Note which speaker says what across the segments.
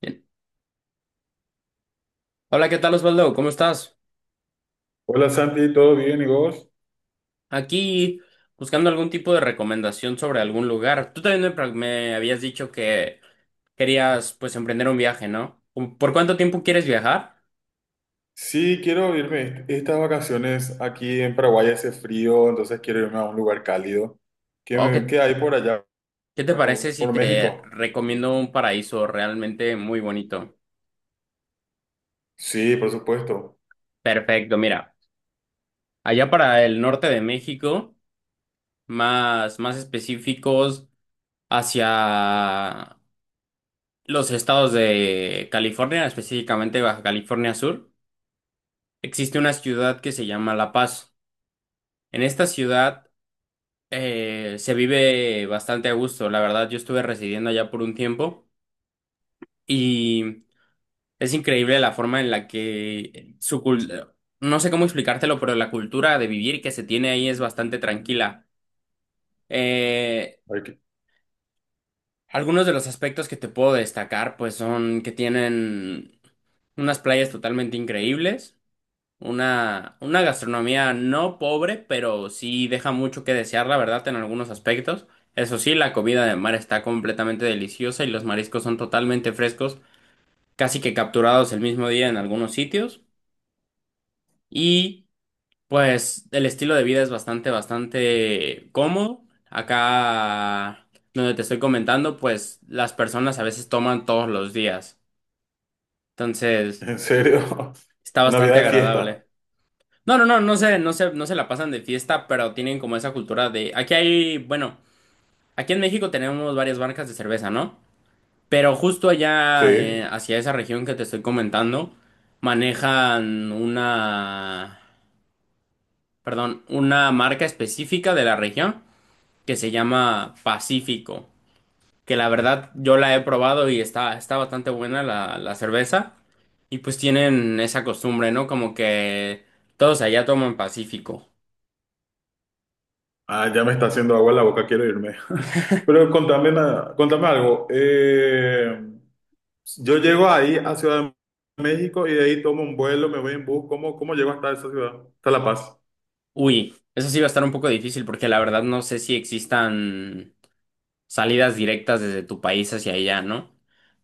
Speaker 1: Bien. Hola, ¿qué tal Osvaldo? ¿Cómo estás?
Speaker 2: Hola Santi, ¿todo bien y vos?
Speaker 1: Aquí buscando algún tipo de recomendación sobre algún lugar. Tú también me habías dicho que querías pues emprender un viaje, ¿no? ¿Por cuánto tiempo quieres viajar?
Speaker 2: Sí, quiero irme. Estas vacaciones aquí en Paraguay hace frío, entonces quiero irme a un lugar cálido. ¿Qué,
Speaker 1: ¿O qué,
Speaker 2: qué hay por allá?
Speaker 1: qué te parece
Speaker 2: ¿Por,
Speaker 1: si
Speaker 2: por
Speaker 1: te
Speaker 2: México?
Speaker 1: recomiendo un paraíso realmente muy bonito?
Speaker 2: Sí, por supuesto.
Speaker 1: Perfecto, mira, allá para el norte de México, más específicos hacia los estados de California, específicamente Baja California Sur. Existe una ciudad que se llama La Paz. En esta ciudad se vive bastante a gusto. La verdad, yo estuve residiendo allá por un tiempo y es increíble la forma en la que su cultura, no sé cómo explicártelo, pero la cultura de vivir que se tiene ahí es bastante tranquila. Eh,
Speaker 2: Hay que-
Speaker 1: algunos de los aspectos que te puedo destacar, pues son que tienen unas playas totalmente increíbles. Una gastronomía no pobre, pero sí deja mucho que desear, la verdad, en algunos aspectos. Eso sí, la comida de mar está completamente deliciosa y los mariscos son totalmente frescos, casi que capturados el mismo día en algunos sitios. Y pues el estilo de vida es bastante, bastante cómodo. Acá donde te estoy comentando, pues las personas a veces toman todos los días. Entonces,
Speaker 2: ¿En serio?
Speaker 1: está
Speaker 2: Una
Speaker 1: bastante
Speaker 2: vida de fiesta.
Speaker 1: agradable. No, no, no, no se la pasan de fiesta, pero tienen como esa cultura de... bueno, aquí en México tenemos varias marcas de cerveza, ¿no? Pero justo allá,
Speaker 2: Sí.
Speaker 1: hacia esa región que te estoy comentando, manejan una, perdón, una marca específica de la región que se llama Pacífico, que la verdad yo la he probado y está bastante buena la cerveza. Y pues tienen esa costumbre, ¿no? Como que todos allá toman Pacífico.
Speaker 2: Ah, ya me está haciendo agua en la boca, quiero irme. Pero contame, contame algo. Yo llego ahí a Ciudad de México y de ahí tomo un vuelo, me voy en bus. ¿Cómo llego hasta esa ciudad? Hasta La Paz.
Speaker 1: Uy, eso sí va a estar un poco difícil porque la verdad no sé si existan salidas directas desde tu país hacia allá, ¿no?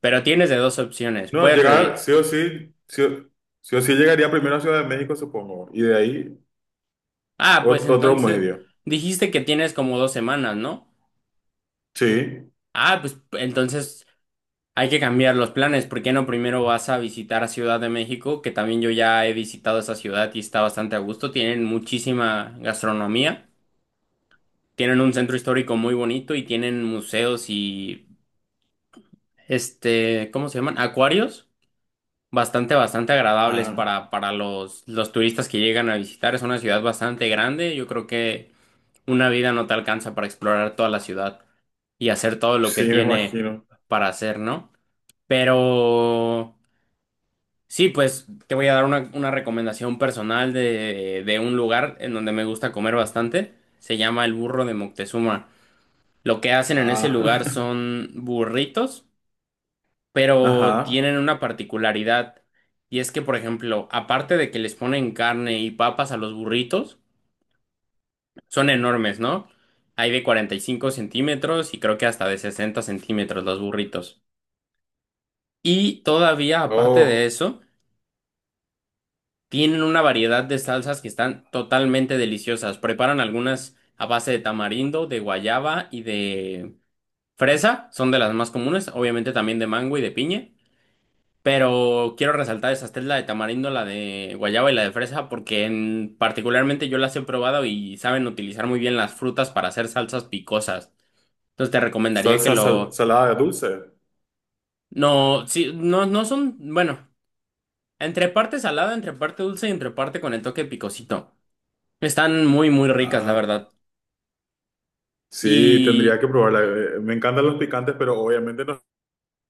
Speaker 1: Pero tienes de dos opciones.
Speaker 2: No,
Speaker 1: Puedes
Speaker 2: llegar,
Speaker 1: revisar.
Speaker 2: sí o sí llegaría primero a Ciudad de México, supongo, y de ahí
Speaker 1: Ah, pues
Speaker 2: otro
Speaker 1: entonces
Speaker 2: medio.
Speaker 1: dijiste que tienes como 2 semanas, ¿no?
Speaker 2: Sí,
Speaker 1: Ah, pues entonces hay que cambiar los planes. ¿Por qué no primero vas a visitar a Ciudad de México? Que también yo ya he visitado esa ciudad y está bastante a gusto. Tienen muchísima gastronomía. Tienen un centro histórico muy bonito y tienen museos y ¿cómo se llaman? Acuarios bastante, bastante agradables
Speaker 2: ah,
Speaker 1: para, los turistas que llegan a visitar. Es una ciudad bastante grande. Yo creo que una vida no te alcanza para explorar toda la ciudad y hacer todo lo
Speaker 2: sí,
Speaker 1: que
Speaker 2: me
Speaker 1: tiene
Speaker 2: imagino.
Speaker 1: para hacer, ¿no? Pero sí, pues te voy a dar una recomendación personal de un lugar en donde me gusta comer bastante. Se llama el Burro de Moctezuma. Lo que hacen en ese
Speaker 2: Ah,
Speaker 1: lugar son burritos, pero
Speaker 2: ajá.
Speaker 1: tienen una particularidad y es que, por ejemplo, aparte de que les ponen carne y papas a los burritos, son enormes, ¿no? Hay de 45 centímetros y creo que hasta de 60 centímetros los burritos. Y todavía, aparte de
Speaker 2: Oh,
Speaker 1: eso, tienen una variedad de salsas que están totalmente deliciosas. Preparan algunas a base de tamarindo, de guayaba y de fresa, son de las más comunes, obviamente también de mango y de piña. Pero quiero resaltar esas tres, la de tamarindo, la de guayaba y la de fresa, porque en, particularmente yo las he probado y saben utilizar muy bien las frutas para hacer salsas picosas. Entonces te recomendaría que lo...
Speaker 2: salada de dulce.
Speaker 1: No, sí, no, no son... Bueno, entre parte salada, entre parte dulce y entre parte con el toque picosito. Están muy, muy ricas, la
Speaker 2: Ah,
Speaker 1: verdad.
Speaker 2: sí, tendría
Speaker 1: Y
Speaker 2: que probarla. Me encantan los picantes, pero obviamente no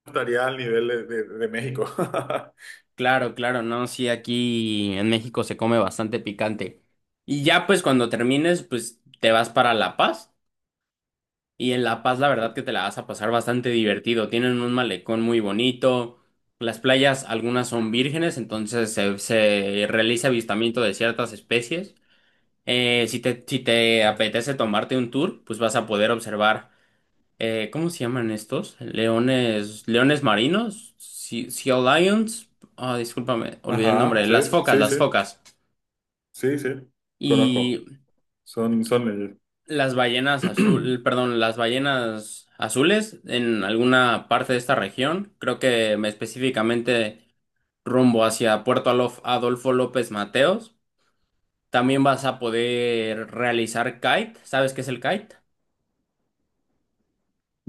Speaker 2: estaría al nivel de, de México.
Speaker 1: claro, claro, no, sí, aquí en México se come bastante picante. Y ya pues cuando termines, pues te vas para La Paz. Y en La Paz, la verdad que te la vas a pasar bastante divertido. Tienen un malecón muy bonito. Las playas, algunas son vírgenes, entonces se realiza avistamiento de ciertas especies. Si te, apetece tomarte un tour, pues vas a poder observar, ¿cómo se llaman estos? Leones, leones marinos, sea lions. Ah, discúlpame, olvidé el
Speaker 2: Ajá,
Speaker 1: nombre.
Speaker 2: sí,
Speaker 1: Las focas,
Speaker 2: sí,
Speaker 1: las
Speaker 2: sí,
Speaker 1: focas.
Speaker 2: sí, sí,
Speaker 1: Y
Speaker 2: conozco. Son, son ellos.
Speaker 1: las ballenas azul, perdón, las ballenas azules en alguna parte de esta región, creo que específicamente rumbo hacia Puerto Adolfo López Mateos. También vas a poder realizar kite. ¿Sabes qué es el kite?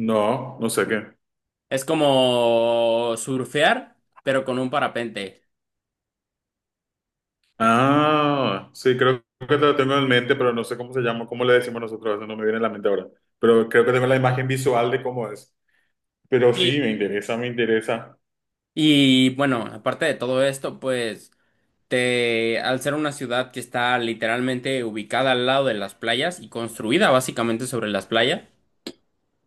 Speaker 2: No, no sé qué.
Speaker 1: Es como surfear, pero con un parapente.
Speaker 2: Ah, sí, creo que lo tengo en mente, pero no sé cómo se llama, cómo le decimos nosotros, eso no me viene a la mente ahora. Pero creo que tengo la imagen visual de cómo es. Pero sí,
Speaker 1: Sí.
Speaker 2: me interesa, me interesa.
Speaker 1: Y bueno, aparte de todo esto, pues te, al ser una ciudad que está literalmente ubicada al lado de las playas y construida básicamente sobre las playas,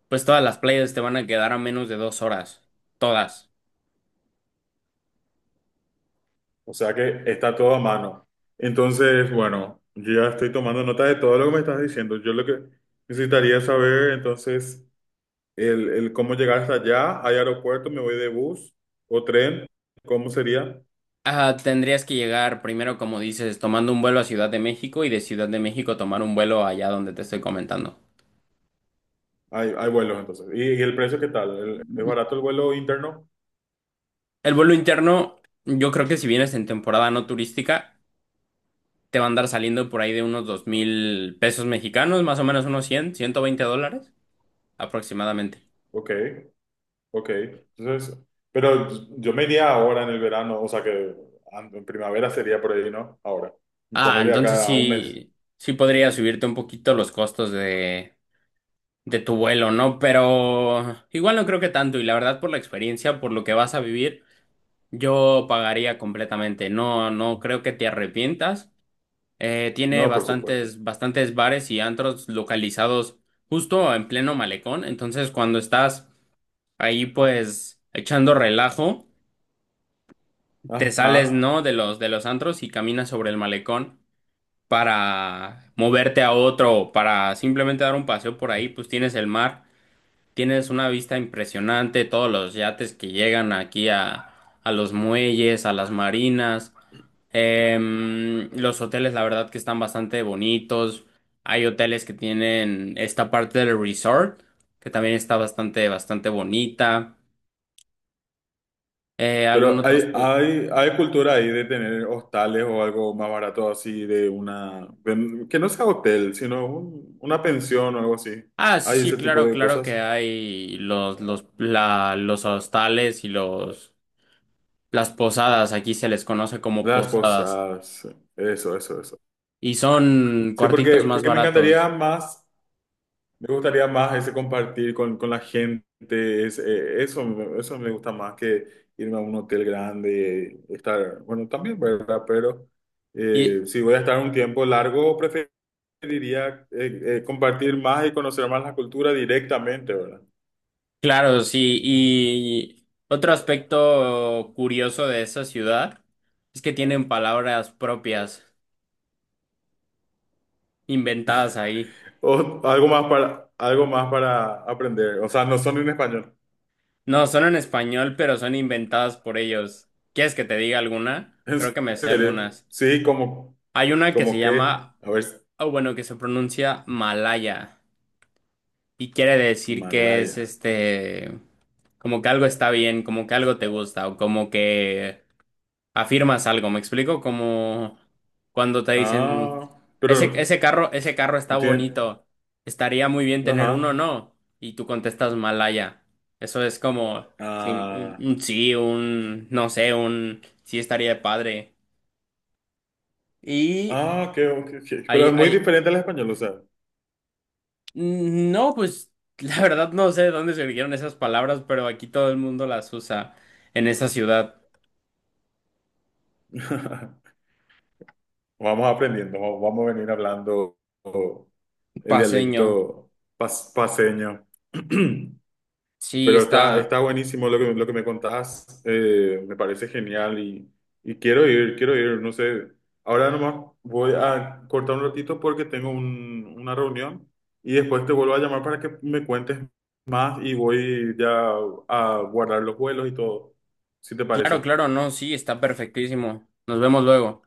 Speaker 1: pues todas las playas te van a quedar a menos de 2 horas. Todas.
Speaker 2: O sea que está todo a mano. Entonces, bueno, yo ya estoy tomando nota de todo lo que me estás diciendo. Yo lo que necesitaría saber, entonces, el cómo llegar hasta allá. ¿Hay aeropuerto? ¿Me voy de bus o tren? ¿Cómo sería?
Speaker 1: Ah, tendrías que llegar primero, como dices, tomando un vuelo a Ciudad de México y de Ciudad de México tomar un vuelo allá donde te estoy comentando.
Speaker 2: Hay vuelos, entonces. ¿Y el precio qué tal? Es barato el vuelo interno?
Speaker 1: El vuelo interno, yo creo que si vienes en temporada no turística, te va a andar saliendo por ahí de unos 2,000 pesos mexicanos, más o menos unos 100, 120 dólares aproximadamente.
Speaker 2: Ok. Ok, entonces, pero yo me iría ahora en el verano, o sea que en primavera sería por ahí, ¿no? Ahora,
Speaker 1: Ah,
Speaker 2: ponerle
Speaker 1: entonces
Speaker 2: acá a un mes.
Speaker 1: sí, sí podría subirte un poquito los costos de tu vuelo, ¿no? Pero igual no creo que tanto y la verdad por la experiencia, por lo que vas a vivir, yo pagaría completamente. No, no creo que te arrepientas. Tiene
Speaker 2: No, por supuesto.
Speaker 1: bastantes, bastantes bares y antros localizados justo en pleno malecón, entonces cuando estás ahí pues echando relajo, te sales,
Speaker 2: Ajá.
Speaker 1: ¿no? de los, antros y caminas sobre el malecón, para moverte a otro, para simplemente dar un paseo por ahí, pues tienes el mar. Tienes una vista impresionante, todos los yates que llegan aquí a los muelles, a las marinas. Los hoteles, la verdad que están bastante bonitos. Hay hoteles que tienen esta parte del resort, que también está bastante, bastante bonita. Algún
Speaker 2: Pero
Speaker 1: otro...
Speaker 2: hay, hay, hay cultura ahí de tener hostales o algo más barato así de una, que no sea hotel, sino una pensión o algo así.
Speaker 1: Ah, sí,
Speaker 2: Hay
Speaker 1: sí,
Speaker 2: ese tipo
Speaker 1: claro,
Speaker 2: de
Speaker 1: claro que
Speaker 2: cosas.
Speaker 1: hay los, los hostales y las posadas. Aquí se les conoce como
Speaker 2: Las
Speaker 1: posadas.
Speaker 2: cosas. Eso, eso, eso.
Speaker 1: Y son
Speaker 2: Sí, porque,
Speaker 1: cuartitos más
Speaker 2: porque me encantaría
Speaker 1: baratos.
Speaker 2: más. Me gustaría más ese compartir con la gente, es, eso, eso me gusta más que irme a un hotel grande, estar, bueno, también, ¿verdad? Pero
Speaker 1: Y
Speaker 2: si voy a estar un tiempo largo, preferiría compartir más y conocer más la cultura directamente, ¿verdad?
Speaker 1: claro, sí. Y otro aspecto curioso de esa ciudad es que tienen palabras propias, inventadas ahí.
Speaker 2: O algo más para aprender, o sea, no son en español.
Speaker 1: No, son en español, pero son inventadas por ellos. ¿Quieres que te diga alguna?
Speaker 2: ¿En
Speaker 1: Creo que me sé
Speaker 2: serio?
Speaker 1: algunas.
Speaker 2: Sí, como,
Speaker 1: Hay una que se
Speaker 2: como que,
Speaker 1: llama,
Speaker 2: a ver,
Speaker 1: o bueno, que se pronuncia Malaya y quiere decir que es
Speaker 2: Malaya.
Speaker 1: como que algo está bien, como que algo te gusta o como que afirmas algo, ¿me explico? Como cuando te dicen,
Speaker 2: Ah,
Speaker 1: ese,
Speaker 2: pero
Speaker 1: ese carro está
Speaker 2: no tienen.
Speaker 1: bonito, estaría muy bien tener uno,
Speaker 2: Ajá.
Speaker 1: ¿no? Y tú contestas Malaya. Eso es como sí, un,
Speaker 2: Ah,
Speaker 1: un sí, un no sé, un sí estaría padre. Y
Speaker 2: ah, qué,
Speaker 1: hay,
Speaker 2: pero es muy
Speaker 1: hay,
Speaker 2: diferente al español, o sea.
Speaker 1: no, pues la verdad no sé de dónde surgieron esas palabras, pero aquí todo el mundo las usa en esa ciudad
Speaker 2: Vamos aprendiendo, vamos a venir hablando el
Speaker 1: paseño.
Speaker 2: dialecto paseño.
Speaker 1: Sí,
Speaker 2: Pero está,
Speaker 1: está.
Speaker 2: está buenísimo lo que me contás, me parece genial y quiero ir, no sé, ahora nomás voy a cortar un ratito porque tengo una reunión y después te vuelvo a llamar para que me cuentes más y voy ya a guardar los vuelos y todo, si te
Speaker 1: Claro,
Speaker 2: parece.
Speaker 1: claro, no, sí, está perfectísimo. Nos vemos luego.